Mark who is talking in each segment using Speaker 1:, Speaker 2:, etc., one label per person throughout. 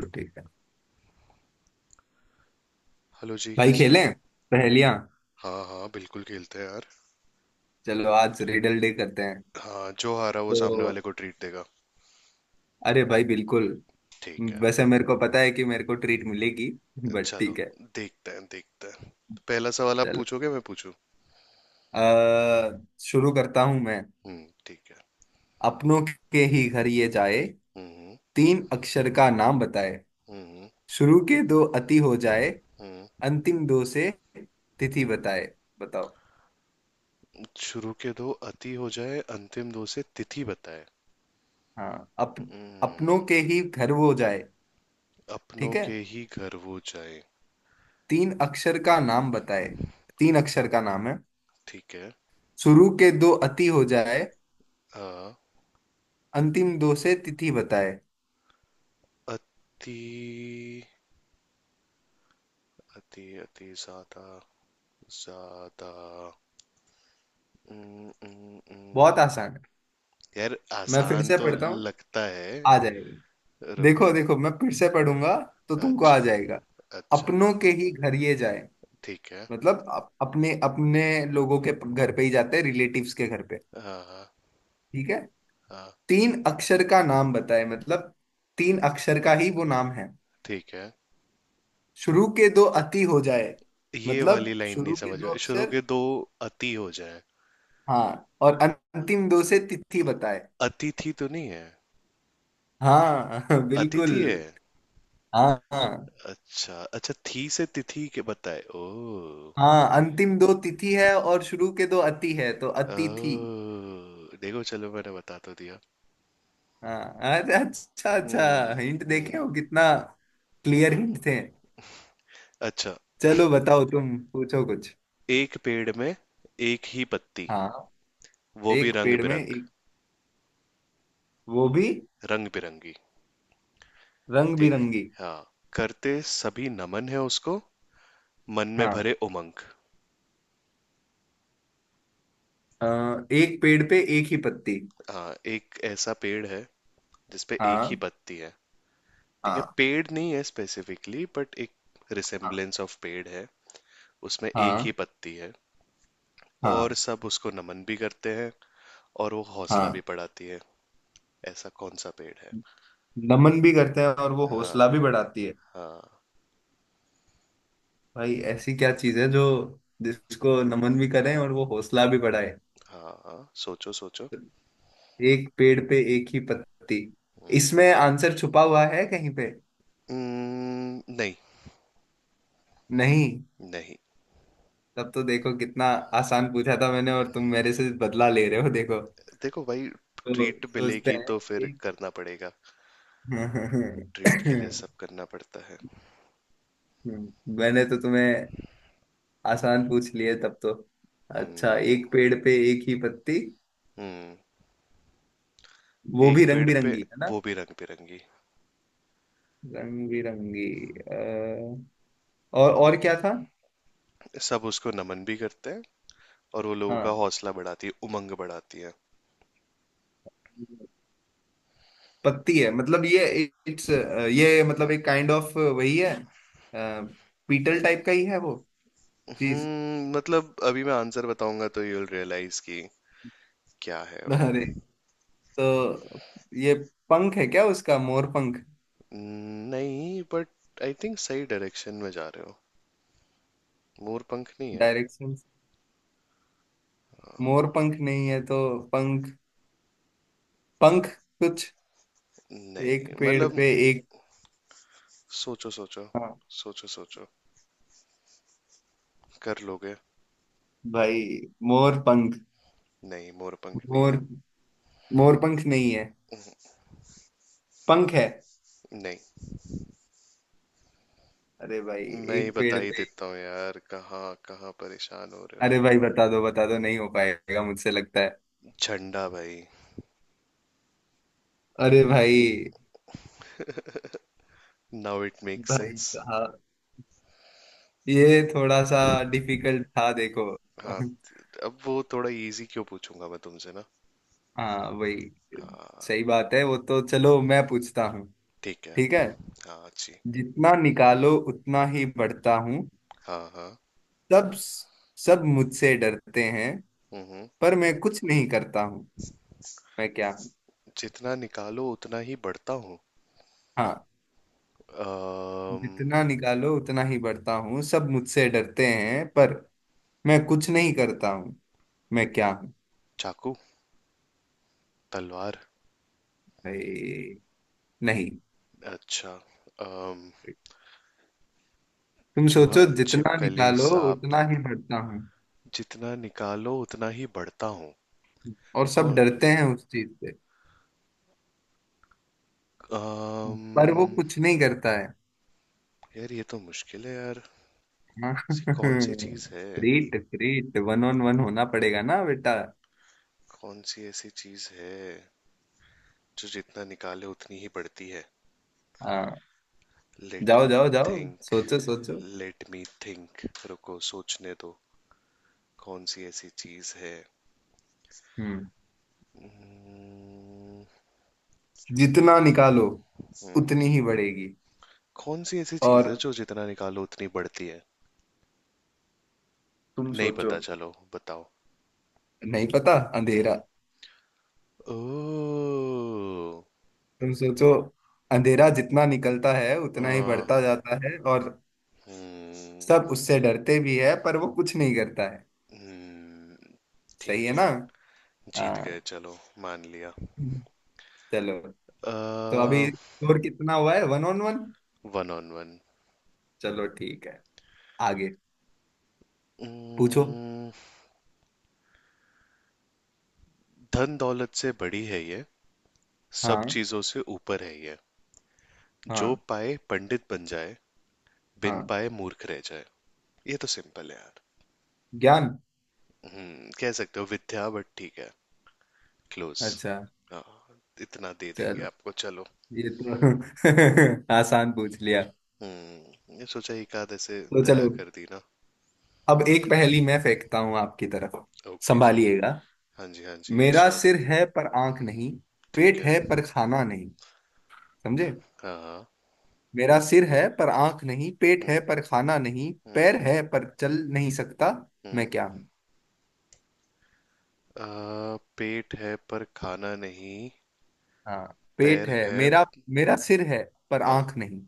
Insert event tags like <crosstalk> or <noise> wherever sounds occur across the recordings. Speaker 1: चलो ठीक है।
Speaker 2: हेलो जी,
Speaker 1: भाई
Speaker 2: कैसे हो?
Speaker 1: खेलें पहेलियां।
Speaker 2: हाँ हाँ, बिल्कुल खेलते हैं यार।
Speaker 1: चलो आज रिडल डे करते हैं।
Speaker 2: हाँ, जो हारा वो सामने वाले
Speaker 1: तो
Speaker 2: को ट्रीट देगा।
Speaker 1: अरे भाई बिल्कुल।
Speaker 2: ठीक है।
Speaker 1: वैसे मेरे को पता है कि मेरे को ट्रीट मिलेगी, बट
Speaker 2: चलो।
Speaker 1: ठीक है।
Speaker 2: देखते हैं, देखते हैं। पहला सवाल आप
Speaker 1: चलो,
Speaker 2: पूछोगे मैं पूछूं?
Speaker 1: अ शुरू करता हूं मैं।
Speaker 2: हम्म, ठीक है।
Speaker 1: अपनों के ही घर ये जाए,
Speaker 2: हम्म।
Speaker 1: तीन अक्षर का नाम बताए,
Speaker 2: हम्म।
Speaker 1: शुरू के दो अति हो जाए,
Speaker 2: हम्म।
Speaker 1: अंतिम दो से तिथि बताए। बताओ।
Speaker 2: शुरू के दो अति हो जाए, अंतिम दो से तिथि बताए।
Speaker 1: हाँ, अपनों
Speaker 2: हम्म।
Speaker 1: के ही घर वो जाए।
Speaker 2: अपनों
Speaker 1: ठीक है।
Speaker 2: के ही घर वो जाए।
Speaker 1: तीन अक्षर का नाम बताए। तीन अक्षर का नाम है।
Speaker 2: ठीक है।
Speaker 1: शुरू के दो अति हो जाए,
Speaker 2: हाँ।
Speaker 1: अंतिम दो से तिथि बताए।
Speaker 2: अति। अति, अति ज्यादा। ज्यादा।
Speaker 1: बहुत
Speaker 2: हम्म।
Speaker 1: आसान है।
Speaker 2: यार
Speaker 1: मैं फिर
Speaker 2: आसान
Speaker 1: से
Speaker 2: तो
Speaker 1: पढ़ता हूँ,
Speaker 2: लगता है।
Speaker 1: आ जाएगा।
Speaker 2: रुको।
Speaker 1: देखो देखो, मैं फिर से पढ़ूंगा तो तुमको आ
Speaker 2: अच्छा।
Speaker 1: जाएगा।
Speaker 2: अच्छा।
Speaker 1: अपनों के ही घर ये जाए
Speaker 2: ठीक है।
Speaker 1: मतलब अपने अपने लोगों के घर पे ही जाते हैं, रिलेटिव्स के घर पे।
Speaker 2: हाँ हाँ।
Speaker 1: ठीक है।
Speaker 2: हाँ।
Speaker 1: तीन अक्षर का नाम बताए मतलब तीन अक्षर का ही वो नाम है।
Speaker 2: ठीक है।
Speaker 1: शुरू के दो अति हो जाए
Speaker 2: ये वाली
Speaker 1: मतलब
Speaker 2: लाइन नहीं
Speaker 1: शुरू के
Speaker 2: समझ
Speaker 1: दो
Speaker 2: में, शुरू
Speaker 1: अक्षर।
Speaker 2: के दो। अति हो जाए।
Speaker 1: हाँ, और अंतिम दो से तिथि बताए।
Speaker 2: अतिथि तो नहीं है?
Speaker 1: हाँ <laughs> बिल्कुल।
Speaker 2: अतिथि है।
Speaker 1: हाँ हाँ।
Speaker 2: अच्छा अच्छा, थी से तिथि के बताए। ओ।
Speaker 1: हाँ, अंतिम दो तिथि है और शुरू के दो अति है तो
Speaker 2: ओ
Speaker 1: अतिथि।
Speaker 2: देखो, चलो मैंने बता तो दिया।
Speaker 1: हाँ। अरे, अच्छा अच्छा,
Speaker 2: हम्म।
Speaker 1: हिंट देखे
Speaker 2: हम्म।
Speaker 1: हो कितना, क्लियर हिंट थे।
Speaker 2: अच्छा।
Speaker 1: चलो बताओ, तुम पूछो कुछ।
Speaker 2: एक पेड़ में एक ही पत्ती।
Speaker 1: हाँ।
Speaker 2: वो भी
Speaker 1: एक
Speaker 2: रंग
Speaker 1: पेड़ में
Speaker 2: बिरंग।
Speaker 1: एक, वो भी
Speaker 2: रंग बिरंगी।
Speaker 1: रंग
Speaker 2: देख।
Speaker 1: बिरंगी।
Speaker 2: हाँ, करते सभी नमन है उसको। मन में
Speaker 1: हाँ,
Speaker 2: भरे उमंग।
Speaker 1: एक पेड़ पे एक ही पत्ती।
Speaker 2: हाँ, एक ऐसा पेड़ है जिसपे एक ही
Speaker 1: हाँ।
Speaker 2: पत्ती है। ठीक है,
Speaker 1: हाँ।
Speaker 2: पेड़ नहीं है स्पेसिफिकली बट एक
Speaker 1: हाँ।
Speaker 2: रिसेम्बलेंस ऑफ पेड़ है। उसमें एक ही
Speaker 1: हाँ।
Speaker 2: पत्ती है। और
Speaker 1: हाँ।
Speaker 2: सब उसको नमन भी करते हैं। और वो हौसला
Speaker 1: हाँ।
Speaker 2: भी बढ़ाती है। ऐसा कौन सा पेड़ है?
Speaker 1: नमन भी करते हैं और वो
Speaker 2: हाँ
Speaker 1: हौसला भी बढ़ाती है।
Speaker 2: हाँ।
Speaker 1: भाई, ऐसी क्या चीज है जो जिसको नमन भी करें और वो हौसला भी बढ़ाए।
Speaker 2: हाँ हाँ, सोचो सोचो।
Speaker 1: एक पेड़ पे एक ही पत्ती,
Speaker 2: हम्म।
Speaker 1: इसमें आंसर छुपा हुआ है कहीं पे।
Speaker 2: नहीं।
Speaker 1: नहीं।
Speaker 2: नहीं।
Speaker 1: तब तो देखो कितना आसान पूछा था मैंने, और तुम मेरे से बदला ले रहे हो। देखो,
Speaker 2: देखो भाई।
Speaker 1: तो
Speaker 2: ट्रीट
Speaker 1: सोचते
Speaker 2: मिलेगी
Speaker 1: हैं।
Speaker 2: तो फिर
Speaker 1: एक।
Speaker 2: करना पड़ेगा। ट्रीट के लिए
Speaker 1: <laughs>
Speaker 2: सब करना पड़ता है।
Speaker 1: मैंने तो तुम्हें आसान पूछ लिए, तब तो। अच्छा,
Speaker 2: हम्म।
Speaker 1: एक पेड़ पे एक ही पत्ती,
Speaker 2: हम्म।
Speaker 1: वो
Speaker 2: एक
Speaker 1: भी रंग
Speaker 2: पेड़ पे।
Speaker 1: बिरंगी है ना।
Speaker 2: वो भी रंग बिरंगी।
Speaker 1: रंग बिरंगी। अ, और क्या था।
Speaker 2: सब उसको नमन भी करते हैं। और वो लोगों का
Speaker 1: हाँ।
Speaker 2: हौसला बढ़ाती है, उमंग बढ़ाती है।
Speaker 1: पत्ती है मतलब ये, इट्स, ये मतलब एक काइंड ऑफ वही है। पीटल टाइप का ही है वो चीज।
Speaker 2: मतलब अभी मैं आंसर बताऊंगा तो यू विल रियलाइज कि क्या है
Speaker 1: अरे,
Speaker 2: वो।
Speaker 1: तो ये पंख है क्या उसका, मोर पंख।
Speaker 2: नहीं बट आई थिंक सही डायरेक्शन में जा रहे हो। मोरपंख नहीं है।
Speaker 1: डायरेक्शन। मोर पंख नहीं है तो। पंख। पंख। कुछ एक
Speaker 2: नहीं
Speaker 1: पेड़
Speaker 2: मतलब।
Speaker 1: पे एक।
Speaker 2: सोचो सोचो।
Speaker 1: हाँ
Speaker 2: सोचो सोचो। कर लोगे।
Speaker 1: भाई, मोर पंख।
Speaker 2: नहीं, मोरपंख नहीं
Speaker 1: मोर
Speaker 2: है।
Speaker 1: मोर पंख नहीं है, पंख है।
Speaker 2: नहीं।
Speaker 1: अरे भाई,
Speaker 2: मैं ही
Speaker 1: एक
Speaker 2: बता
Speaker 1: पेड़
Speaker 2: ही
Speaker 1: पे।
Speaker 2: देता हूँ यार, कहाँ कहाँ परेशान हो रहे हो।
Speaker 1: अरे भाई, बता दो बता दो, नहीं हो पाएगा मुझसे लगता है।
Speaker 2: झंडा भाई।
Speaker 1: अरे भाई।
Speaker 2: नाउ इट मेक
Speaker 1: भाई
Speaker 2: सेंस।
Speaker 1: साहब, ये थोड़ा सा डिफिकल्ट था, देखो।
Speaker 2: हाँ। अब वो थोड़ा इजी क्यों पूछूंगा मैं तुमसे ना?
Speaker 1: हाँ वही।
Speaker 2: हाँ।
Speaker 1: सही बात है वो तो। चलो मैं पूछता हूँ।
Speaker 2: ठीक है।
Speaker 1: ठीक है।
Speaker 2: हाँ अच्छी।
Speaker 1: जितना निकालो उतना ही बढ़ता हूँ,
Speaker 2: हाँ हाँ।
Speaker 1: सब सब मुझसे डरते हैं
Speaker 2: हम्म। हम्म।
Speaker 1: पर मैं कुछ नहीं करता हूँ। मैं क्या हूँ।
Speaker 2: जितना निकालो उतना ही बढ़ता हूँ।
Speaker 1: हाँ।
Speaker 2: अम्म,
Speaker 1: जितना निकालो उतना ही बढ़ता हूँ, सब मुझसे डरते हैं पर मैं कुछ नहीं करता हूँ। मैं क्या हूँ।
Speaker 2: चाकू। तलवार।
Speaker 1: भाई नहीं,
Speaker 2: अच्छा। अम्म,
Speaker 1: तुम
Speaker 2: चूहा।
Speaker 1: सोचो। जितना
Speaker 2: छिपकली,
Speaker 1: निकालो
Speaker 2: सांप।
Speaker 1: उतना ही बढ़ता हूँ,
Speaker 2: जितना निकालो उतना ही बढ़ता हूँ?
Speaker 1: और सब
Speaker 2: कौन।
Speaker 1: डरते हैं उस चीज से, पर वो
Speaker 2: अम्म,
Speaker 1: कुछ नहीं करता है।
Speaker 2: यार ये तो मुश्किल है यार।
Speaker 1: हाँ।
Speaker 2: ऐसी कौन सी चीज
Speaker 1: <laughs>
Speaker 2: है?
Speaker 1: फ्रीट फ्रीट, वन ऑन वन होना पड़ेगा ना बेटा।
Speaker 2: कौन सी ऐसी चीज है जो जितना निकाले उतनी ही बढ़ती है?
Speaker 1: हाँ।
Speaker 2: लेट
Speaker 1: जाओ
Speaker 2: मी
Speaker 1: जाओ जाओ।
Speaker 2: थिंक
Speaker 1: सोचो सोचो।
Speaker 2: लेट मी थिंक रुको सोचने दो। कौन सी ऐसी चीज है?
Speaker 1: हम्म
Speaker 2: Hmm,
Speaker 1: जितना निकालो
Speaker 2: hmm.
Speaker 1: उतनी ही बढ़ेगी।
Speaker 2: कौन सी ऐसी चीज
Speaker 1: और
Speaker 2: है जो जितना निकालो उतनी बढ़ती है?
Speaker 1: तुम
Speaker 2: नहीं
Speaker 1: सोचो।
Speaker 2: पता, चलो बताओ।
Speaker 1: नहीं पता। अंधेरा।
Speaker 2: हम्म। ओह।
Speaker 1: तुम सोचो, अंधेरा जितना निकलता है उतना ही
Speaker 2: आ।
Speaker 1: बढ़ता जाता है, और
Speaker 2: हम्म।
Speaker 1: सब उससे डरते भी है पर वो कुछ नहीं करता है।
Speaker 2: हम्म।
Speaker 1: सही
Speaker 2: ठीक
Speaker 1: है ना।
Speaker 2: है। जीत गए
Speaker 1: हाँ।
Speaker 2: चलो। मान लिया।
Speaker 1: चलो। तो अभी स्कोर कितना हुआ है, one on one.
Speaker 2: One on one.
Speaker 1: चलो ठीक है। आगे पूछो।
Speaker 2: उम्म, धन दौलत से बड़ी है ये। सब
Speaker 1: हाँ।
Speaker 2: चीजों से ऊपर है ये। जो
Speaker 1: हाँ।
Speaker 2: पाए पंडित बन जाए। बिन
Speaker 1: हाँ।
Speaker 2: पाए मूर्ख रह जाए। ये तो सिंपल है यार।
Speaker 1: ज्ञान।
Speaker 2: कह सकते हो विद्या बट ठीक है। क्लोज।
Speaker 1: अच्छा।
Speaker 2: हाँ। इतना दे देंगे
Speaker 1: चलो,
Speaker 2: आपको, चलो।
Speaker 1: ये तो <laughs> आसान पूछ लिया।
Speaker 2: ये सोचा एक आध ऐसे।
Speaker 1: तो
Speaker 2: दया
Speaker 1: चलो।
Speaker 2: कर दी ना?
Speaker 1: अब एक पहेली मैं फेंकता हूँ आपकी तरफ।
Speaker 2: ओके जी।
Speaker 1: संभालिएगा।
Speaker 2: हाँ जी हाँ जी,
Speaker 1: मेरा
Speaker 2: इरशाद।
Speaker 1: सिर है पर आंख नहीं,
Speaker 2: ठीक
Speaker 1: पेट
Speaker 2: है।
Speaker 1: है पर खाना नहीं। समझे।
Speaker 2: हाँ हाँ।
Speaker 1: मेरा सिर है पर आंख नहीं, पेट
Speaker 2: हम्म।
Speaker 1: है पर खाना नहीं,
Speaker 2: हम्म।
Speaker 1: पैर है पर चल नहीं सकता।
Speaker 2: हम्म।
Speaker 1: मैं क्या हूँ।
Speaker 2: पेट है पर खाना नहीं,
Speaker 1: हाँ, पेट
Speaker 2: पैर
Speaker 1: है
Speaker 2: है।
Speaker 1: मेरा। मेरा सिर है पर
Speaker 2: हाँ।
Speaker 1: आंख नहीं।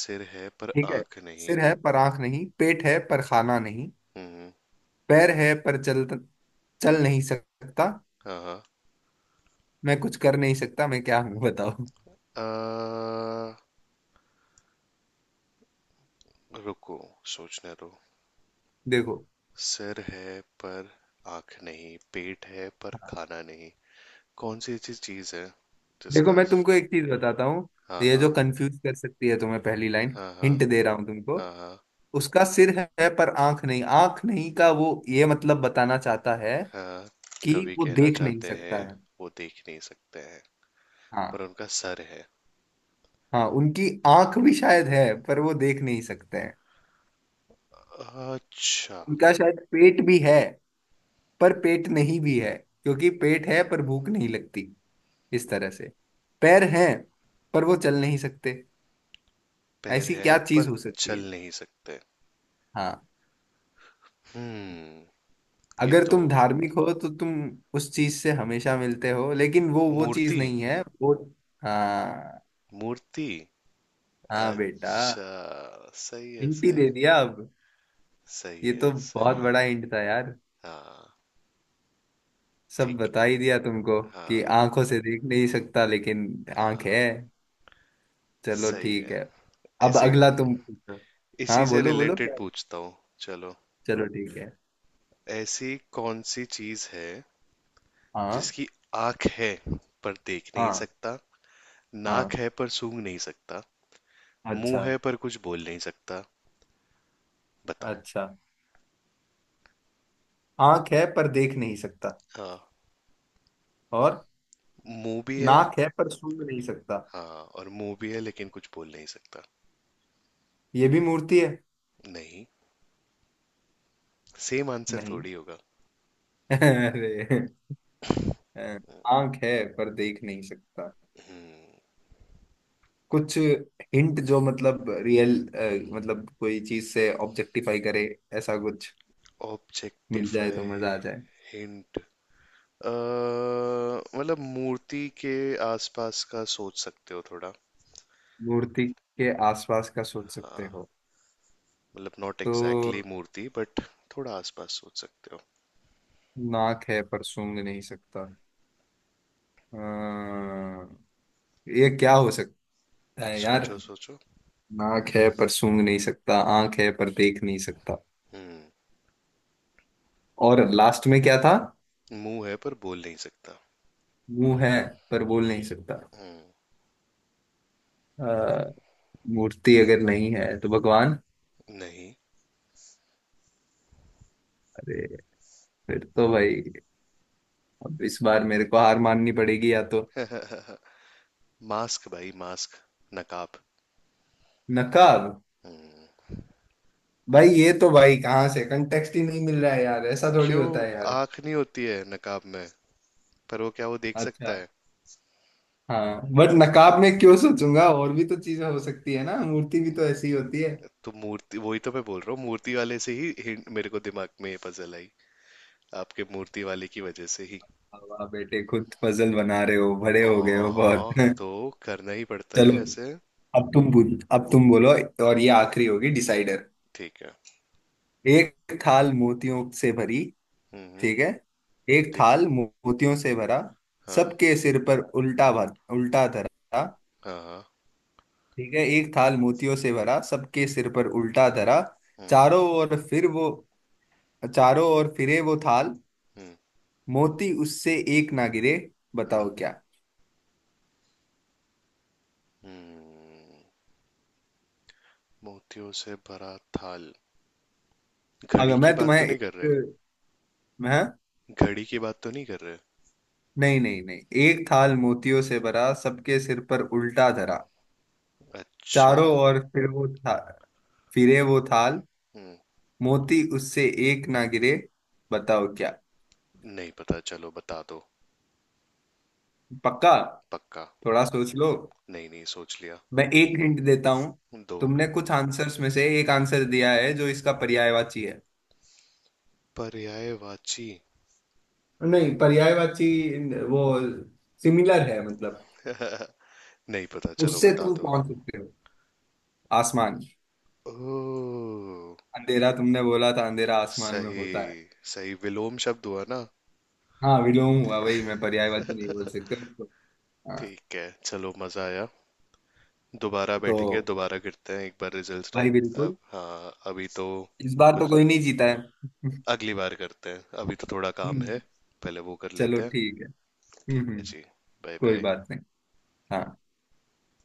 Speaker 2: सिर है पर
Speaker 1: ठीक है।
Speaker 2: आंख नहीं।
Speaker 1: सिर है पर आंख नहीं, पेट है पर खाना नहीं,
Speaker 2: हम्म।
Speaker 1: पैर है पर चल चल नहीं सकता,
Speaker 2: हाँ हाँ।
Speaker 1: मैं कुछ कर नहीं सकता। मैं क्या हूं। बताओ।
Speaker 2: अ, रुको, सोचने दो।
Speaker 1: देखो।
Speaker 2: सिर है पर आंख नहीं, पेट है पर
Speaker 1: हाँ।
Speaker 2: खाना नहीं। कौन सी ऐसी चीज है
Speaker 1: देखो,
Speaker 2: जिसका?
Speaker 1: मैं तुमको एक चीज बताता हूँ।
Speaker 2: हाँ
Speaker 1: ये जो
Speaker 2: हाँ।
Speaker 1: कंफ्यूज कर सकती है तुम्हें पहली लाइन,
Speaker 2: हाँ हाँ।
Speaker 1: हिंट दे रहा हूं तुमको।
Speaker 2: हाँ। हाँ
Speaker 1: उसका सिर है पर आंख नहीं। आंख नहीं का वो ये मतलब बताना चाहता है
Speaker 2: हाँ।
Speaker 1: कि
Speaker 2: कवि
Speaker 1: वो
Speaker 2: कहना
Speaker 1: देख नहीं
Speaker 2: चाहते
Speaker 1: सकता
Speaker 2: हैं।
Speaker 1: है।
Speaker 2: वो देख नहीं सकते हैं।
Speaker 1: हाँ।
Speaker 2: पर उनका सर है।
Speaker 1: हाँ, उनकी आंख भी शायद है पर वो देख नहीं सकते हैं।
Speaker 2: अच्छा।
Speaker 1: उनका शायद पेट भी है, पर पेट नहीं भी है, क्योंकि पेट है पर भूख नहीं लगती, इस तरह से। पैर हैं पर वो चल नहीं सकते।
Speaker 2: पैर
Speaker 1: ऐसी
Speaker 2: है
Speaker 1: क्या चीज
Speaker 2: पर
Speaker 1: हो सकती
Speaker 2: चल
Speaker 1: है।
Speaker 2: नहीं सकते।
Speaker 1: हाँ।
Speaker 2: हम्म। ये
Speaker 1: अगर
Speaker 2: तो।
Speaker 1: तुम धार्मिक हो तो तुम उस चीज से हमेशा मिलते हो, लेकिन वो चीज
Speaker 2: मूर्ति।
Speaker 1: नहीं है वो। हाँ।
Speaker 2: मूर्ति।
Speaker 1: हाँ बेटा।
Speaker 2: अच्छा। सही है
Speaker 1: हिंट ही
Speaker 2: सही
Speaker 1: दे
Speaker 2: है।
Speaker 1: दिया अब।
Speaker 2: सही
Speaker 1: ये
Speaker 2: है
Speaker 1: तो
Speaker 2: सही
Speaker 1: बहुत
Speaker 2: है।
Speaker 1: बड़ा हिंट था यार,
Speaker 2: हाँ।
Speaker 1: सब
Speaker 2: ठीक
Speaker 1: बता
Speaker 2: है।
Speaker 1: ही दिया तुमको कि
Speaker 2: हाँ।
Speaker 1: आंखों से देख नहीं सकता लेकिन आंख है।
Speaker 2: हाँ।
Speaker 1: चलो
Speaker 2: सही
Speaker 1: ठीक
Speaker 2: है।
Speaker 1: है। अब
Speaker 2: ऐसी।
Speaker 1: अगला तुम पूछो।
Speaker 2: इसी
Speaker 1: हाँ
Speaker 2: से
Speaker 1: बोलो बोलो।
Speaker 2: रिलेटेड पूछता हूँ। चलो।
Speaker 1: चलो ठीक है।
Speaker 2: ऐसी कौन सी चीज है
Speaker 1: हाँ।
Speaker 2: जिसकी आंख है पर देख नहीं
Speaker 1: हाँ।
Speaker 2: सकता? नाक
Speaker 1: हाँ।
Speaker 2: है पर सूंघ नहीं सकता।
Speaker 1: अच्छा।
Speaker 2: मुंह है पर कुछ बोल नहीं सकता। बताओ।
Speaker 1: अच्छा। आंख है पर देख नहीं सकता,
Speaker 2: हाँ।
Speaker 1: और
Speaker 2: मुंह भी है।
Speaker 1: नाक है पर सूंघ नहीं सकता।
Speaker 2: हाँ और मुंह भी है लेकिन कुछ बोल नहीं सकता।
Speaker 1: ये भी मूर्ति है।
Speaker 2: नहीं। सेम आंसर
Speaker 1: नहीं।
Speaker 2: थोड़ी होगा।
Speaker 1: <laughs> अरे। अ, आंख है पर देख नहीं सकता। कुछ हिंट जो मतलब रियल, मतलब कोई चीज से ऑब्जेक्टिफाई करे, ऐसा कुछ मिल जाए तो
Speaker 2: ऑब्जेक्टिफाई?
Speaker 1: मजा आ जाए।
Speaker 2: हिंट। मतलब मूर्ति के आसपास का सोच सकते हो थोड़ा।
Speaker 1: मूर्ति के आसपास का सोच सकते
Speaker 2: हाँ।
Speaker 1: हो।
Speaker 2: मतलब नॉट एग्जैक्टली
Speaker 1: तो
Speaker 2: मूर्ति बट थोड़ा आसपास सोच सकते हो।
Speaker 1: नाक है पर सूंघ नहीं सकता। अ, ये क्या हो सकता है यार।
Speaker 2: सोचो सोचो।
Speaker 1: नाक है पर सूंघ नहीं सकता। आंख है पर देख नहीं सकता।
Speaker 2: हम्म।
Speaker 1: और लास्ट में क्या था।
Speaker 2: मुंह है पर बोल नहीं सकता।
Speaker 1: मुंह है पर बोल नहीं सकता।
Speaker 2: हम्म।
Speaker 1: अ, मूर्ति अगर नहीं है तो भगवान।
Speaker 2: नहीं।
Speaker 1: अरे, फिर तो भाई, अब इस बार मेरे को हार माननी पड़ेगी या तो।
Speaker 2: मास्क भाई, मास्क। नकाब।
Speaker 1: नकाब। भाई, ये तो भाई कहाँ से कंटेक्स्ट ही नहीं मिल रहा है यार, ऐसा थोड़ी
Speaker 2: क्यों?
Speaker 1: होता है यार।
Speaker 2: आंख नहीं होती है नकाब में। पर वो क्या वो देख सकता
Speaker 1: अच्छा।
Speaker 2: है?
Speaker 1: हाँ बट नकाब में क्यों सोचूंगा, और भी तो चीजें हो सकती है ना, मूर्ति भी तो ऐसी ही होती है।
Speaker 2: तो मूर्ति वही तो मैं बोल रहा हूँ, मूर्ति वाले से ही hint मेरे को दिमाग में ये पजल आई। आपके मूर्ति वाले की वजह से ही।
Speaker 1: वाह बेटे, खुद पजल बना रहे हो, बड़े
Speaker 2: ओ।
Speaker 1: हो गए हो बहुत।
Speaker 2: हाँ
Speaker 1: <laughs>
Speaker 2: तो। करना ही पड़ता
Speaker 1: चलो,
Speaker 2: है ऐसे।
Speaker 1: अब तुम बोलो। और ये आखिरी होगी डिसाइडर।
Speaker 2: ठीक है।
Speaker 1: एक थाल मोतियों से भरी।
Speaker 2: हम्म।
Speaker 1: ठीक है। एक
Speaker 2: ठीक।
Speaker 1: थाल मोतियों से भरा,
Speaker 2: हाँ।
Speaker 1: सबके सिर पर उल्टा धरा।
Speaker 2: हाँ। हाँ।
Speaker 1: ठीक है। एक थाल मोतियों से भरा, सबके सिर पर उल्टा धरा।
Speaker 2: हम्म।
Speaker 1: चारों ओर फिर वो चारों ओर फिरे वो थाल,
Speaker 2: हम्म।
Speaker 1: मोती उससे एक ना गिरे।
Speaker 2: हम्म।
Speaker 1: बताओ क्या।
Speaker 2: हम्म। मोतियों से भरा थाल। घड़ी
Speaker 1: अगर
Speaker 2: की
Speaker 1: मैं
Speaker 2: बात
Speaker 1: तुम्हें
Speaker 2: तो नहीं कर रहे?
Speaker 1: एक, मैं,
Speaker 2: घड़ी की बात तो नहीं कर रहे?
Speaker 1: नहीं नहीं नहीं। एक थाल मोतियों से भरा, सबके सिर पर उल्टा धरा।
Speaker 2: अच्छा।
Speaker 1: चारों ओर फिर वो था फिरे वो थाल,
Speaker 2: हम्म।
Speaker 1: मोती उससे एक ना गिरे। बताओ क्या।
Speaker 2: नहीं पता, चलो बता दो।
Speaker 1: पक्का।
Speaker 2: पक्का।
Speaker 1: थोड़ा सोच लो।
Speaker 2: नहीं नहीं, सोच लिया।
Speaker 1: मैं एक हिंट देता हूँ।
Speaker 2: दो।
Speaker 1: तुमने कुछ आंसर्स में से एक आंसर दिया है जो इसका पर्यायवाची है।
Speaker 2: पर्यायवाची?
Speaker 1: नहीं पर्यायवाची, वो सिमिलर है मतलब,
Speaker 2: <laughs> नहीं पता, चलो
Speaker 1: उससे
Speaker 2: बता
Speaker 1: तुम
Speaker 2: दो।
Speaker 1: पहुंच सकते हो। आसमान।
Speaker 2: ओ।
Speaker 1: अंधेरा तुमने बोला था, अंधेरा आसमान में
Speaker 2: सही।
Speaker 1: होता है।
Speaker 2: सही विलोम शब्द हुआ ना?
Speaker 1: हाँ विलोम हुआ, वही मैं पर्यायवाची नहीं बोल सकता। हाँ।
Speaker 2: ठीक है, चलो मजा आया। दोबारा बैठेंगे,
Speaker 1: तो
Speaker 2: दोबारा करते हैं एक बार रिजल्ट्स ना।
Speaker 1: भाई
Speaker 2: अब
Speaker 1: बिल्कुल।
Speaker 2: हाँ अभी तो।
Speaker 1: इस बार तो
Speaker 2: कुछ।
Speaker 1: कोई नहीं जीता है।
Speaker 2: अगली बार करते हैं, अभी तो थोड़ा काम है।
Speaker 1: <laughs>
Speaker 2: पहले वो कर
Speaker 1: चलो
Speaker 2: लेते हैं।
Speaker 1: ठीक है।
Speaker 2: ठीक है
Speaker 1: हम्म।
Speaker 2: जी। बाय
Speaker 1: कोई
Speaker 2: बाय।
Speaker 1: बात नहीं। हाँ।